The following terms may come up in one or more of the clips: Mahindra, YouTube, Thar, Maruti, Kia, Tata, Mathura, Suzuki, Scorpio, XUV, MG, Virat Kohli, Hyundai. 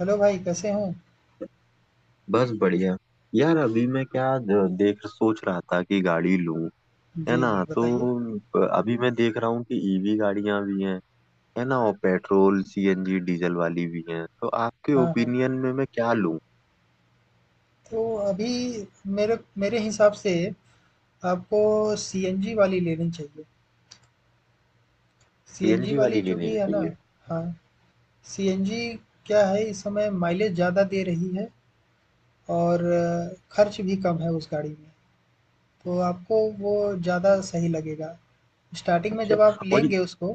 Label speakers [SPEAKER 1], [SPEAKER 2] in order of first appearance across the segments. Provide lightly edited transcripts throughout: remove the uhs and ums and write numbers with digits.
[SPEAKER 1] Hello भाई, कैसे हो?
[SPEAKER 2] बस बढ़िया। यार अभी मैं क्या देख सोच रहा था कि गाड़ी लूं, है
[SPEAKER 1] जी,
[SPEAKER 2] ना।
[SPEAKER 1] जी,
[SPEAKER 2] तो
[SPEAKER 1] बताइए।
[SPEAKER 2] अभी मैं देख रहा हूँ कि ईवी गाड़ियां भी हैं, है ना, और पेट्रोल सीएनजी डीजल वाली भी हैं। तो आपके
[SPEAKER 1] हाँ, हाँ।
[SPEAKER 2] ओपिनियन में मैं क्या लूं?
[SPEAKER 1] तो अभी मेरे मेरे हिसाब से आपको सीएनजी वाली लेनी चाहिए। सीएनजी
[SPEAKER 2] सीएनजी
[SPEAKER 1] वाली
[SPEAKER 2] वाली
[SPEAKER 1] जो
[SPEAKER 2] लेनी
[SPEAKER 1] भी है ना।
[SPEAKER 2] चाहिए?
[SPEAKER 1] हाँ, सीएनजी क्या है इस समय माइलेज ज़्यादा दे रही है और खर्च भी कम है उस गाड़ी में। तो आपको वो ज़्यादा सही लगेगा। स्टार्टिंग में
[SPEAKER 2] अच्छा।
[SPEAKER 1] जब आप
[SPEAKER 2] और ये-
[SPEAKER 1] लेंगे उसको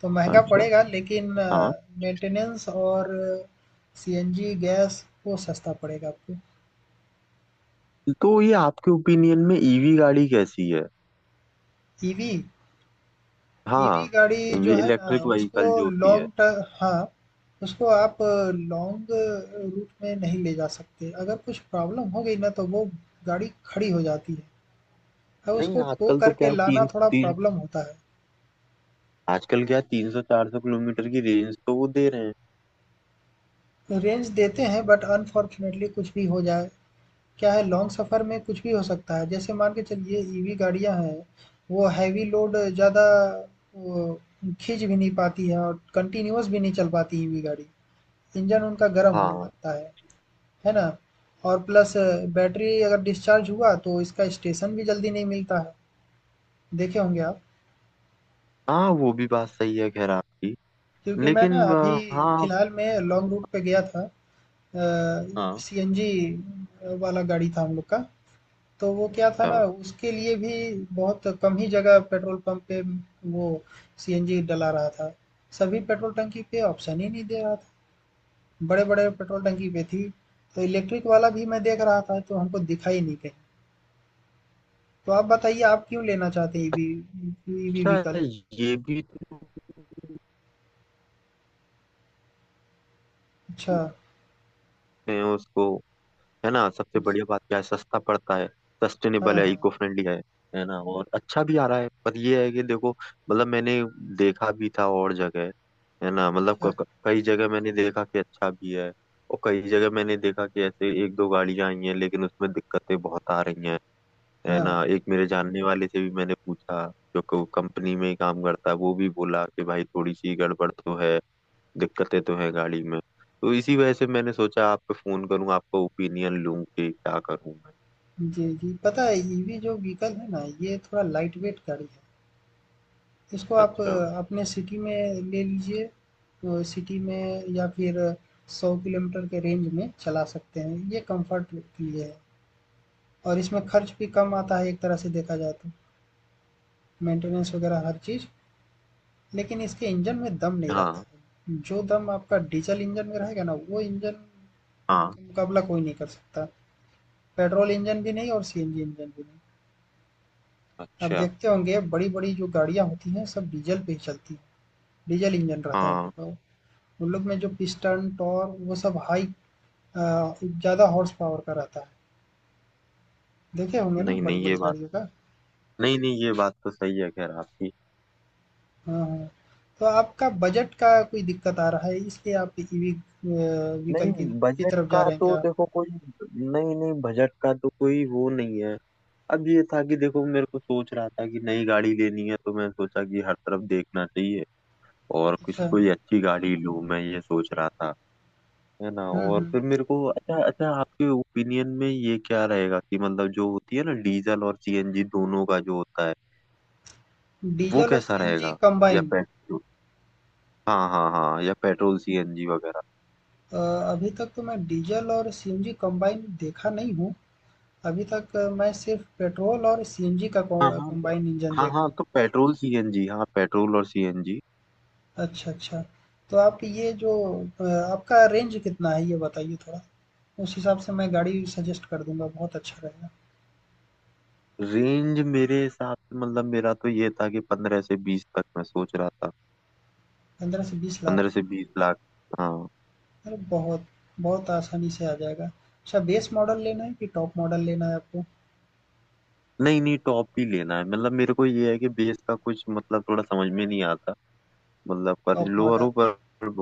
[SPEAKER 1] तो महंगा
[SPEAKER 2] अच्छा,
[SPEAKER 1] पड़ेगा, लेकिन
[SPEAKER 2] हाँ।
[SPEAKER 1] मेंटेनेंस और सीएनजी गैस वो सस्ता पड़ेगा आपको।
[SPEAKER 2] तो ये आपके ओपिनियन में ईवी गाड़ी कैसी है?
[SPEAKER 1] ईवी ईवी
[SPEAKER 2] हाँ,
[SPEAKER 1] गाड़ी जो है ना
[SPEAKER 2] इलेक्ट्रिक
[SPEAKER 1] उसको
[SPEAKER 2] व्हीकल जो होती है।
[SPEAKER 1] लॉन्ग ट हाँ, उसको आप लॉन्ग रूट में नहीं ले जा सकते। अगर कुछ प्रॉब्लम हो गई ना तो वो गाड़ी खड़ी हो जाती है। अब
[SPEAKER 2] नहीं,
[SPEAKER 1] उसको टो करके लाना थोड़ा प्रॉब्लम होता
[SPEAKER 2] आजकल क्या 300-400 किलोमीटर की रेंज तो वो दे रहे हैं।
[SPEAKER 1] है। रेंज देते हैं बट अनफॉर्चुनेटली कुछ भी हो जाए। क्या है लॉन्ग सफ़र में कुछ भी हो सकता है। जैसे मान के चलिए ईवी गाड़ियाँ हैं वो हैवी लोड ज़्यादा वो खींच भी नहीं पाती है और कंटिन्यूअस भी नहीं चल पाती ईवी गाड़ी। इंजन उनका गर्म होने
[SPEAKER 2] हाँ।
[SPEAKER 1] लगता है। है ना? और प्लस बैटरी अगर डिस्चार्ज हुआ तो इसका स्टेशन भी जल्दी नहीं मिलता है, देखे होंगे आप?
[SPEAKER 2] हाँ, वो भी बात सही है, खैर आपकी।
[SPEAKER 1] क्योंकि मैं ना
[SPEAKER 2] लेकिन
[SPEAKER 1] अभी
[SPEAKER 2] हाँ।
[SPEAKER 1] फिलहाल में लॉन्ग रूट पे गया था। अ,
[SPEAKER 2] हाँ।
[SPEAKER 1] सीएनजी वाला गाड़ी था हम लोग का, तो वो क्या था ना उसके लिए भी बहुत कम ही जगह पेट्रोल पंप पे वो सीएनजी डला रहा था। सभी पेट्रोल टंकी पे ऑप्शन ही नहीं दे रहा था। बड़े-बड़े पेट्रोल टंकी पे थी, तो इलेक्ट्रिक वाला भी मैं देख रहा था तो हमको दिखा ही नहीं कहीं। तो आप बताइए आप क्यों लेना चाहते हैं ईवी ईवी
[SPEAKER 2] अच्छा। अच्छा,
[SPEAKER 1] व्हीकल?
[SPEAKER 2] ये भी तो
[SPEAKER 1] अच्छा।
[SPEAKER 2] हैं उसको, है ना। सबसे बढ़िया बात क्या है, सस्ता पड़ता है,
[SPEAKER 1] हाँ,
[SPEAKER 2] सस्टेनेबल है,
[SPEAKER 1] हाँ।
[SPEAKER 2] इको फ्रेंडली है ना, और अच्छा भी आ रहा है। पर ये है कि देखो, मतलब मैंने देखा भी था और जगह, है ना। मतलब
[SPEAKER 1] अच्छा।
[SPEAKER 2] कई जगह मैंने देखा कि अच्छा भी है, और कई जगह मैंने देखा कि ऐसे एक दो गाड़ियां आई हैं लेकिन उसमें दिक्कतें बहुत आ रही हैं, है
[SPEAKER 1] हाँ,
[SPEAKER 2] ना।
[SPEAKER 1] हाँ।
[SPEAKER 2] एक मेरे जानने वाले से भी मैंने पूछा जो कंपनी में ही काम करता है, वो भी बोला कि भाई थोड़ी सी गड़बड़ तो है, दिक्कतें तो है गाड़ी में। तो इसी वजह से मैंने सोचा आपको फोन करूं, आपका ओपिनियन लूं कि क्या करूं मैं।
[SPEAKER 1] जी, जी। पता है ईवी जो व्हीकल है ना ये थोड़ा लाइटवेट गाड़ी है। इसको आप
[SPEAKER 2] अच्छा।
[SPEAKER 1] अपने सिटी में ले लीजिए। तो सिटी में या फिर 100 किलोमीटर के रेंज में चला सकते हैं। ये कम्फर्ट के लिए है और इसमें खर्च भी कम आता है एक तरह से देखा जाए तो। मेंटेनेंस वगैरह हर चीज़। लेकिन इसके इंजन में दम नहीं रहता
[SPEAKER 2] हाँ।
[SPEAKER 1] है। जो दम आपका डीज़ल इंजन में रहेगा ना वो इंजन
[SPEAKER 2] हाँ।
[SPEAKER 1] मुकाबला कोई नहीं कर सकता। पेट्रोल इंजन भी नहीं और सीएनजी इंजन भी नहीं। आप
[SPEAKER 2] अच्छा।
[SPEAKER 1] देखते होंगे बड़ी-बड़ी जो गाड़ियाँ होती हैं सब डीजल पे ही चलती हैं। डीजल इंजन रहता है उन
[SPEAKER 2] हाँ।
[SPEAKER 1] लोग का वो। उन लोग में जो पिस्टन, टॉर्क वो सब हाई ज़्यादा हॉर्स पावर का रहता है। देखे होंगे ना
[SPEAKER 2] नहीं नहीं ये
[SPEAKER 1] बड़ी-बड़ी
[SPEAKER 2] बात
[SPEAKER 1] गाड़ियों का?
[SPEAKER 2] नहीं नहीं ये बात तो सही है, खैर आपकी।
[SPEAKER 1] हाँ, हाँ। तो आपका बजट का कोई दिक्कत आ रहा है इसलिए आप ईवी व्हीकल
[SPEAKER 2] नहीं
[SPEAKER 1] की
[SPEAKER 2] बजट
[SPEAKER 1] तरफ जा
[SPEAKER 2] का
[SPEAKER 1] रहे हैं
[SPEAKER 2] तो
[SPEAKER 1] क्या?
[SPEAKER 2] देखो कोई नहीं नहीं बजट का तो कोई वो नहीं है। अब ये था कि देखो, मेरे को सोच रहा था कि नई गाड़ी लेनी है, तो मैं सोचा कि हर तरफ देखना चाहिए और
[SPEAKER 1] अच्छा।
[SPEAKER 2] किसी कोई अच्छी गाड़ी लूं मैं, ये सोच रहा था, है ना।
[SPEAKER 1] हुँ,
[SPEAKER 2] और
[SPEAKER 1] हुँ।
[SPEAKER 2] फिर मेरे को अच्छा अच्छा आपके ओपिनियन में ये क्या रहेगा कि मतलब जो होती है ना डीजल और सीएनजी दोनों का जो होता है, वो
[SPEAKER 1] डीजल और
[SPEAKER 2] कैसा
[SPEAKER 1] सीएनजी
[SPEAKER 2] रहेगा? या
[SPEAKER 1] कंबाइन
[SPEAKER 2] पेट्रोल? हाँ, हाँ, हाँ, या पेट्रोल सीएनजी वगैरह।
[SPEAKER 1] अभी तक तो मैं डीजल और सीएनजी कंबाइन देखा नहीं हूँ। अभी तक मैं सिर्फ़ पेट्रोल और सीएनजी का कॉ
[SPEAKER 2] हाँ हाँ तो-
[SPEAKER 1] कम्बाइंड इंजन
[SPEAKER 2] हाँ,
[SPEAKER 1] देखा
[SPEAKER 2] हाँ,
[SPEAKER 1] हूँ।
[SPEAKER 2] तो पेट्रोल सीएनजी, हाँ, पेट्रोल और सीएनजी।
[SPEAKER 1] अच्छा, अच्छा। तो आप ये जो अ, आपका रेंज कितना है ये बताइए थोड़ा? उस हिसाब से मैं गाड़ी सजेस्ट कर दूँगा, बहुत अच्छा रहेगा।
[SPEAKER 2] रेंज मेरे हिसाब से, मतलब मेरा तो ये था कि 15 से 20 तक मैं सोच रहा था।
[SPEAKER 1] 15 से 20 लाख
[SPEAKER 2] 15 से 20 लाख। हाँ।
[SPEAKER 1] अरे! बहुत बहुत आसानी से आ जाएगा। अच्छा बेस मॉडल लेना है कि टॉप मॉडल लेना है आपको?
[SPEAKER 2] नहीं नहीं, टॉप ही लेना है, मतलब मेरे को ये है कि बेस का कुछ मतलब थोड़ा समझ में नहीं आता, मतलब पर
[SPEAKER 1] टॉप
[SPEAKER 2] लोअर
[SPEAKER 1] मॉडल।
[SPEAKER 2] हो, पर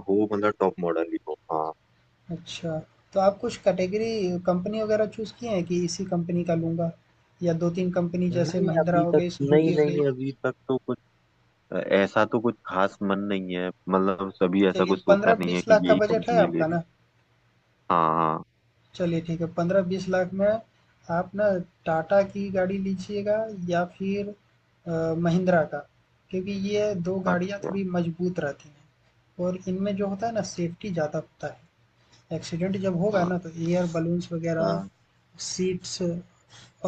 [SPEAKER 2] हो, मतलब टॉप मॉडल ही हो, हाँ।
[SPEAKER 1] अच्छा, तो आप कुछ कैटेगरी कंपनी वगैरह चूज़ किए हैं कि इसी कंपनी का लूँगा या 2-3 कंपनी जैसे
[SPEAKER 2] नहीं
[SPEAKER 1] महिंद्रा
[SPEAKER 2] अभी
[SPEAKER 1] हो
[SPEAKER 2] तक
[SPEAKER 1] गई,
[SPEAKER 2] नहीं
[SPEAKER 1] सुजुकी हो गई?
[SPEAKER 2] नहीं अभी तक तो कुछ ऐसा तो कुछ खास मन नहीं है, मतलब सभी ऐसा
[SPEAKER 1] चलिए
[SPEAKER 2] कुछ सोचा नहीं
[SPEAKER 1] 15-20
[SPEAKER 2] है कि
[SPEAKER 1] लाख का
[SPEAKER 2] यही
[SPEAKER 1] बजट है
[SPEAKER 2] कंपनी ले
[SPEAKER 1] आपका
[SPEAKER 2] रही।
[SPEAKER 1] ना?
[SPEAKER 2] हाँ, हाँ।
[SPEAKER 1] चलिए ठीक है 15-20 लाख में आप ना टाटा की गाड़ी लीजिएगा या फिर महिंद्रा का। क्योंकि ये दो गाड़ियाँ
[SPEAKER 2] अच्छा
[SPEAKER 1] थोड़ी मजबूत रहती हैं और इनमें जो होता है ना सेफ्टी ज़्यादा होता है। एक्सीडेंट जब होगा
[SPEAKER 2] हाँ
[SPEAKER 1] ना तो एयर बलून्स वगैरह
[SPEAKER 2] हाँ
[SPEAKER 1] सीट्स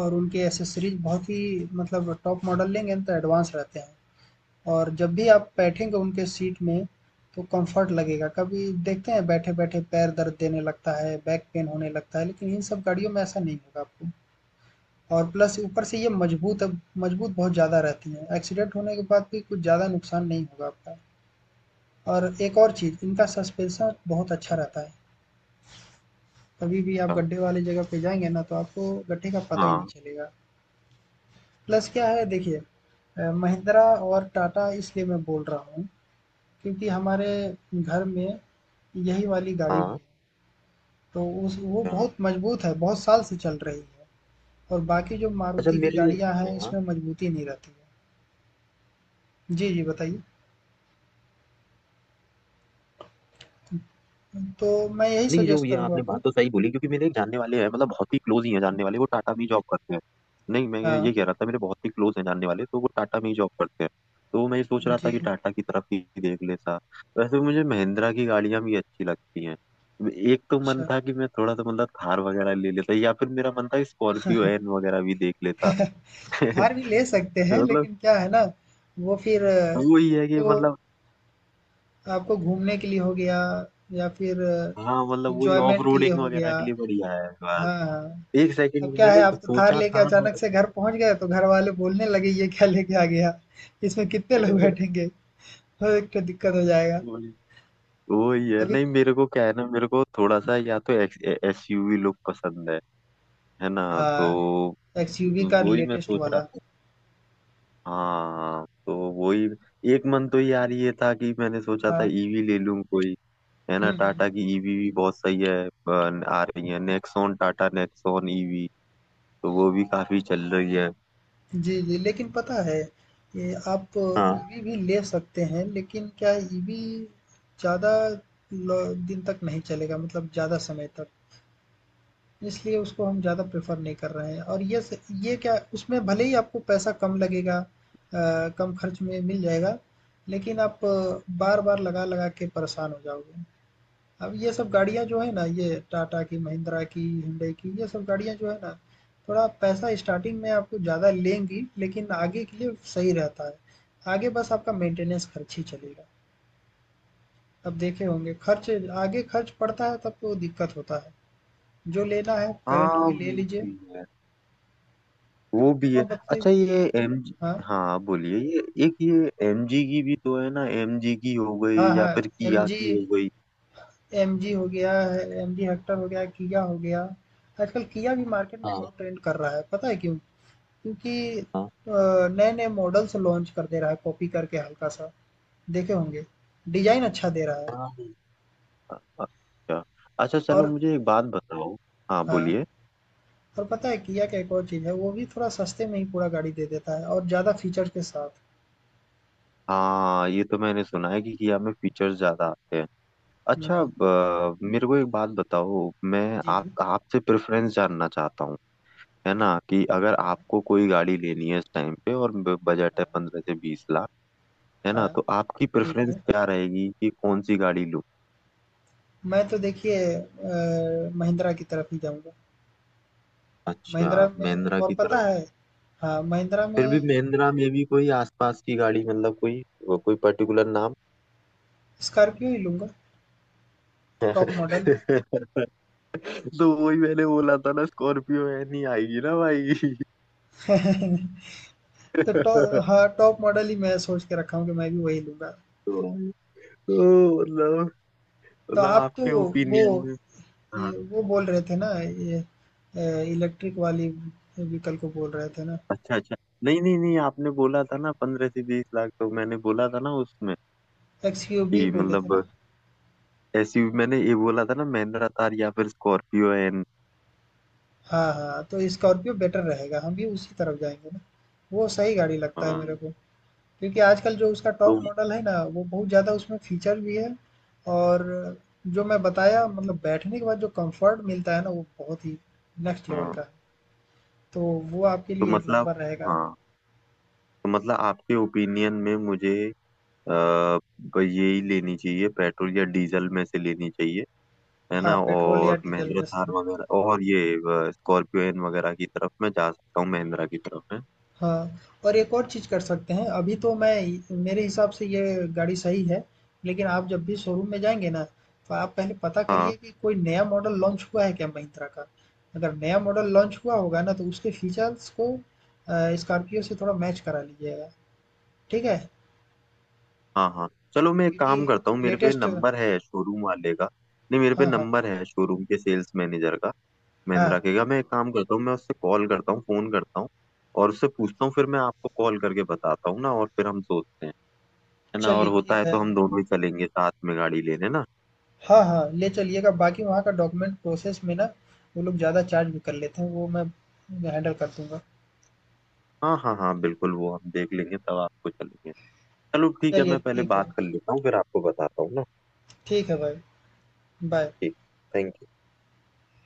[SPEAKER 1] और उनके एसेसरीज बहुत ही मतलब टॉप मॉडल लेंगे ना तो एडवांस रहते हैं और जब भी आप बैठेंगे उनके सीट में, तो कम्फ़र्ट लगेगा। कभी देखते हैं बैठे-बैठे पैर दर्द देने लगता है, बैक पेन होने लगता है, लेकिन इन सब गाड़ियों में ऐसा नहीं होगा आपको। और प्लस ऊपर से ये मज़बूत अब मज़बूत बहुत ज़्यादा रहती हैं। एक्सीडेंट होने के बाद भी कुछ ज़्यादा नुकसान नहीं होगा आपका। और एक और चीज़, इनका सस्पेंशन बहुत अच्छा रहता है। कभी भी आप गड्ढे वाली जगह पे जाएँगे ना, तो आपको गड्ढे का पता ही नहीं
[SPEAKER 2] हाँ
[SPEAKER 1] चलेगा। प्लस क्या है देखिए महिंद्रा और टाटा इसलिए मैं बोल रहा हूँ क्योंकि हमारे घर में यही वाली गाड़ी भी
[SPEAKER 2] हाँ
[SPEAKER 1] है। तो उस वो
[SPEAKER 2] हाँ।
[SPEAKER 1] बहुत मजबूत है, बहुत साल से चल रही है और बाकी जो
[SPEAKER 2] अच्छा
[SPEAKER 1] मारुति की
[SPEAKER 2] मेरे
[SPEAKER 1] गाड़ियाँ हैं,
[SPEAKER 2] हाँ।
[SPEAKER 1] इसमें मजबूती नहीं रहती है। जी, जी, बताइए। तो मैं यही
[SPEAKER 2] नहीं, जो
[SPEAKER 1] सजेस्ट
[SPEAKER 2] ये
[SPEAKER 1] करूँगा
[SPEAKER 2] आपने
[SPEAKER 1] आपको।
[SPEAKER 2] बात तो सही बोली, क्योंकि मेरे एक जानने वाले हैं मतलब बहुत ही क्लोज ही हैं जानने वाले, वो टाटा में जॉब करते हैं। नहीं, मैं ये
[SPEAKER 1] हाँ,
[SPEAKER 2] ये कह रहा था, मेरे बहुत ही क्लोज हैं जानने वाले, तो वो टाटा में ही जॉब करते हैं। तो मैं ये सोच रहा था
[SPEAKER 1] जी,
[SPEAKER 2] कि टाटा की तरफ ही देख लेता। वैसे मुझे महिंद्रा की गाड़ियां भी अच्छी लगती हैं। एक तो मन
[SPEAKER 1] अच्छा।
[SPEAKER 2] था कि मैं थोड़ा सा मतलब थार वगैरह ले लेता, या फिर मेरा मन था स्कॉर्पियो एन वगैरह भी देख लेता।
[SPEAKER 1] थार भी ले सकते हैं,
[SPEAKER 2] मतलब
[SPEAKER 1] लेकिन क्या है ना, वो फिर
[SPEAKER 2] वही है कि
[SPEAKER 1] आपको
[SPEAKER 2] मतलब।
[SPEAKER 1] आपको घूमने के लिए हो गया या फिर
[SPEAKER 2] हाँ, मतलब वही ऑफ
[SPEAKER 1] एन्जॉयमेंट के लिए
[SPEAKER 2] रोडिंग
[SPEAKER 1] हो
[SPEAKER 2] वगैरह
[SPEAKER 1] गया।
[SPEAKER 2] के लिए बढ़िया है बस।
[SPEAKER 1] हाँ, हाँ।
[SPEAKER 2] एक
[SPEAKER 1] अब
[SPEAKER 2] सेकंड
[SPEAKER 1] क्या है
[SPEAKER 2] मैंने तो
[SPEAKER 1] आप थार
[SPEAKER 2] सोचा
[SPEAKER 1] लेके
[SPEAKER 2] था
[SPEAKER 1] अचानक से घर पहुंच गए तो घर वाले बोलने लगे ये क्या लेके आ गया इसमें कितने लोग
[SPEAKER 2] पर-
[SPEAKER 1] बैठेंगे तो एक तो दिक्कत हो जाएगा।
[SPEAKER 2] वो ये
[SPEAKER 1] अभी
[SPEAKER 2] नहीं, मेरे को क्या है ना, मेरे को थोड़ा सा या तो एसयूवी लुक पसंद है ना।
[SPEAKER 1] हाँ,
[SPEAKER 2] तो
[SPEAKER 1] एक्सयूवी का
[SPEAKER 2] वही मैं
[SPEAKER 1] लेटेस्ट
[SPEAKER 2] सोच रहा
[SPEAKER 1] वाला।
[SPEAKER 2] था, हाँ तो वही। एक मन तो यार ये था कि मैंने सोचा था
[SPEAKER 1] हाँ।
[SPEAKER 2] ईवी ले लूं कोई, है ना।
[SPEAKER 1] हम्म, हम्म।
[SPEAKER 2] टाटा की ईवी भी बहुत सही है। आ रही है नेक्सॉन, टाटा नेक्सॉन ईवी, तो वो भी काफी चल रही है।
[SPEAKER 1] जी, जी, लेकिन पता है ये आप
[SPEAKER 2] हाँ,
[SPEAKER 1] ईवी भी ले सकते हैं, लेकिन क्या ईवी ज़्यादा दिन तक नहीं चलेगा मतलब ज़्यादा समय तक। इसलिए उसको हम ज़्यादा प्रेफ़र नहीं कर रहे हैं और ये स ये क्या उसमें भले ही आपको पैसा कम लगेगा कम खर्च में मिल जाएगा, लेकिन आप बार-बार लगा-लगा के परेशान हो जाओगे। अब ये सब गाड़ियाँ जो है ना, ये टाटा की, महिंद्रा की, हुंडई की, ये सब गाड़ियाँ जो है ना, थोड़ा पैसा स्टार्टिंग में आपको ज़्यादा लेंगी, लेकिन आगे के लिए सही रहता है। आगे बस आपका मेंटेनेंस खर्च ही चलेगा। अब देखे होंगे खर्च आगे खर्च पड़ता है तब तो दिक्कत होता है। जो लेना है करंट
[SPEAKER 2] हाँ,
[SPEAKER 1] में ले
[SPEAKER 2] वो
[SPEAKER 1] लीजिए।
[SPEAKER 2] भी है। वो भी
[SPEAKER 1] अब
[SPEAKER 2] है।
[SPEAKER 1] आप बताइए।
[SPEAKER 2] अच्छा, ये एम
[SPEAKER 1] हाँ,
[SPEAKER 2] हाँ, आप बोलिए। ये एम जी की भी तो है ना, एम जी की हो
[SPEAKER 1] हाँ,
[SPEAKER 2] गई, या
[SPEAKER 1] हाँ,
[SPEAKER 2] फिर किया
[SPEAKER 1] एमजी
[SPEAKER 2] की हो गई।
[SPEAKER 1] एमजी हो गया है, एमजी हेक्टर हो गया, किया हो गया। आजकल किया भी मार्केट में
[SPEAKER 2] हाँ,
[SPEAKER 1] बहुत ट्रेंड कर रहा है, पता है क्यों? क्योंकि
[SPEAKER 2] हाँ।
[SPEAKER 1] नए-नए मॉडल्स लॉन्च कर दे रहा है, कॉपी करके हल्का सा, देखे होंगे। डिजाइन अच्छा दे रहा है
[SPEAKER 2] अच्छा अच्छा, चलो
[SPEAKER 1] और
[SPEAKER 2] मुझे एक बात बताओ। हाँ,
[SPEAKER 1] हाँ,
[SPEAKER 2] बोलिए।
[SPEAKER 1] और पता है किया का एक और चीज़ है, वो भी थोड़ा सस्ते में ही पूरा गाड़ी दे देता है और ज़्यादा फीचर्स के साथ।
[SPEAKER 2] हाँ, ये तो मैंने सुना है कि किया में फीचर्स ज्यादा आते हैं।
[SPEAKER 1] हम्म,
[SPEAKER 2] अच्छा,
[SPEAKER 1] हम्म।
[SPEAKER 2] मेरे को एक बात बताओ, मैं
[SPEAKER 1] जी, जी,
[SPEAKER 2] आप आपसे प्रेफरेंस जानना चाहता हूँ, है ना। कि अगर
[SPEAKER 1] हाँ,
[SPEAKER 2] आपको कोई गाड़ी लेनी है इस टाइम पे, और बजट है 15 से 20 लाख, है ना,
[SPEAKER 1] हाँ,
[SPEAKER 2] तो आपकी
[SPEAKER 1] ठीक
[SPEAKER 2] प्रेफरेंस
[SPEAKER 1] है।
[SPEAKER 2] क्या रहेगी कि कौन सी गाड़ी लूँ?
[SPEAKER 1] मैं तो देखिए महिंद्रा की तरफ ही जाऊंगा।
[SPEAKER 2] अच्छा,
[SPEAKER 1] महिंद्रा में
[SPEAKER 2] महिंद्रा
[SPEAKER 1] और
[SPEAKER 2] की
[SPEAKER 1] पता
[SPEAKER 2] तरफ।
[SPEAKER 1] है हाँ महिंद्रा
[SPEAKER 2] फिर भी
[SPEAKER 1] में
[SPEAKER 2] महिंद्रा में भी कोई आसपास की गाड़ी, मतलब कोई, वो कोई पर्टिकुलर नाम?
[SPEAKER 1] स्कॉर्पियो ही लूंगा। Top model.
[SPEAKER 2] तो वही मैंने बोला था ना, स्कॉर्पियो है, नहीं आएगी ना, भाई।
[SPEAKER 1] तो टॉ
[SPEAKER 2] तो
[SPEAKER 1] हाँ टॉप मॉडल ही मैं सोच के रखा हूँ कि मैं भी वही लूंगा।
[SPEAKER 2] तो मतलब
[SPEAKER 1] तो
[SPEAKER 2] मतलब
[SPEAKER 1] आप तो
[SPEAKER 2] आपके
[SPEAKER 1] वो
[SPEAKER 2] ओपिनियन में। हाँ।
[SPEAKER 1] ये वो बोल रहे थे ना ये इलेक्ट्रिक वाली व्हीकल को बोल रहे थे ना।
[SPEAKER 2] अच्छा अच्छा। नहीं नहीं नहीं, आपने बोला था ना 15 से 20 लाख, तो मैंने बोला था ना उसमें,
[SPEAKER 1] एक्सयूवी
[SPEAKER 2] कि
[SPEAKER 1] बोले
[SPEAKER 2] मतलब
[SPEAKER 1] थे ना।
[SPEAKER 2] एसयूवी, मैंने ये बोला था ना महिंद्रा थार या फिर स्कॉर्पियो एन।
[SPEAKER 1] हाँ हाँ तो स्कॉर्पियो बेटर रहेगा हम भी उसी तरफ जाएंगे ना। वो सही गाड़ी लगता है मेरे
[SPEAKER 2] हाँ
[SPEAKER 1] को क्योंकि आजकल जो उसका
[SPEAKER 2] तो
[SPEAKER 1] टॉप मॉडल है ना वो बहुत ज़्यादा उसमें फीचर भी है और जो मैं बताया मतलब बैठने के बाद जो कंफर्ट मिलता है ना वो बहुत ही नेक्स्ट लेवल
[SPEAKER 2] हाँ
[SPEAKER 1] का है। तो वो आपके
[SPEAKER 2] तो
[SPEAKER 1] लिए एक
[SPEAKER 2] मतलब
[SPEAKER 1] नंबर रहेगा।
[SPEAKER 2] हाँ, तो मतलब आपके ओपिनियन में मुझे, अ, यही लेनी चाहिए, पेट्रोल या डीजल में से लेनी चाहिए, है
[SPEAKER 1] हाँ
[SPEAKER 2] ना।
[SPEAKER 1] पेट्रोल या
[SPEAKER 2] और
[SPEAKER 1] डीजल
[SPEAKER 2] महिंद्रा
[SPEAKER 1] में
[SPEAKER 2] थार
[SPEAKER 1] से।
[SPEAKER 2] वगैरह और ये स्कॉर्पियो एन वगैरह की तरफ मैं जा सकता हूँ, महिंद्रा की तरफ में।
[SPEAKER 1] हाँ, और एक और चीज़ कर सकते हैं, अभी तो मैं मेरे हिसाब से ये गाड़ी सही है, लेकिन आप जब भी शोरूम में जाएँगे ना, तो आप पहले पता करिए
[SPEAKER 2] हाँ,
[SPEAKER 1] कि कोई नया मॉडल लॉन्च हुआ है क्या महिंद्रा का? अगर नया मॉडल लॉन्च हुआ होगा ना, तो उसके फीचर्स को स्कॉर्पियो से थोड़ा मैच करा लीजिएगा, ठीक है?
[SPEAKER 2] हाँ, हाँ, चलो मैं एक
[SPEAKER 1] क्योंकि
[SPEAKER 2] काम करता हूँ, मेरे पे
[SPEAKER 1] लेटेस्ट हाँ,
[SPEAKER 2] नंबर है शोरूम वाले का। नहीं, मेरे पे
[SPEAKER 1] हाँ, हाँ,
[SPEAKER 2] नंबर है शोरूम के सेल्स मैनेजर का, महिंद्रा
[SPEAKER 1] हाँ,
[SPEAKER 2] के। क्या मैं एक काम करता हूँ, मैं उससे कॉल करता हूँ, फोन करता हूँ, और उससे पूछता हूँ, फिर मैं आपको कॉल करके बताता हूँ ना, और फिर हम सोचते हैं, है ना। और
[SPEAKER 1] चलिए
[SPEAKER 2] होता है
[SPEAKER 1] ठीक है।
[SPEAKER 2] तो हम दोनों ही चलेंगे साथ में गाड़ी लेने ना।
[SPEAKER 1] हाँ, हाँ, ले चलिएगा, बाकी वहाँ का डॉक्यूमेंट प्रोसेस में ना, वो लोग ज़्यादा चार्ज भी कर लेते हैं, वो मैं हैंडल कर दूँगा।
[SPEAKER 2] हाँ, हाँ, हाँ, बिल्कुल, वो हम देख लेंगे, तब आपको चलेंगे। चलो ठीक है,
[SPEAKER 1] चलिए
[SPEAKER 2] मैं पहले
[SPEAKER 1] ठीक है।
[SPEAKER 2] बात कर लेता हूँ, फिर आपको बताता हूँ ना।
[SPEAKER 1] ठीक है भाई, बाय।
[SPEAKER 2] ठीक। Thank you.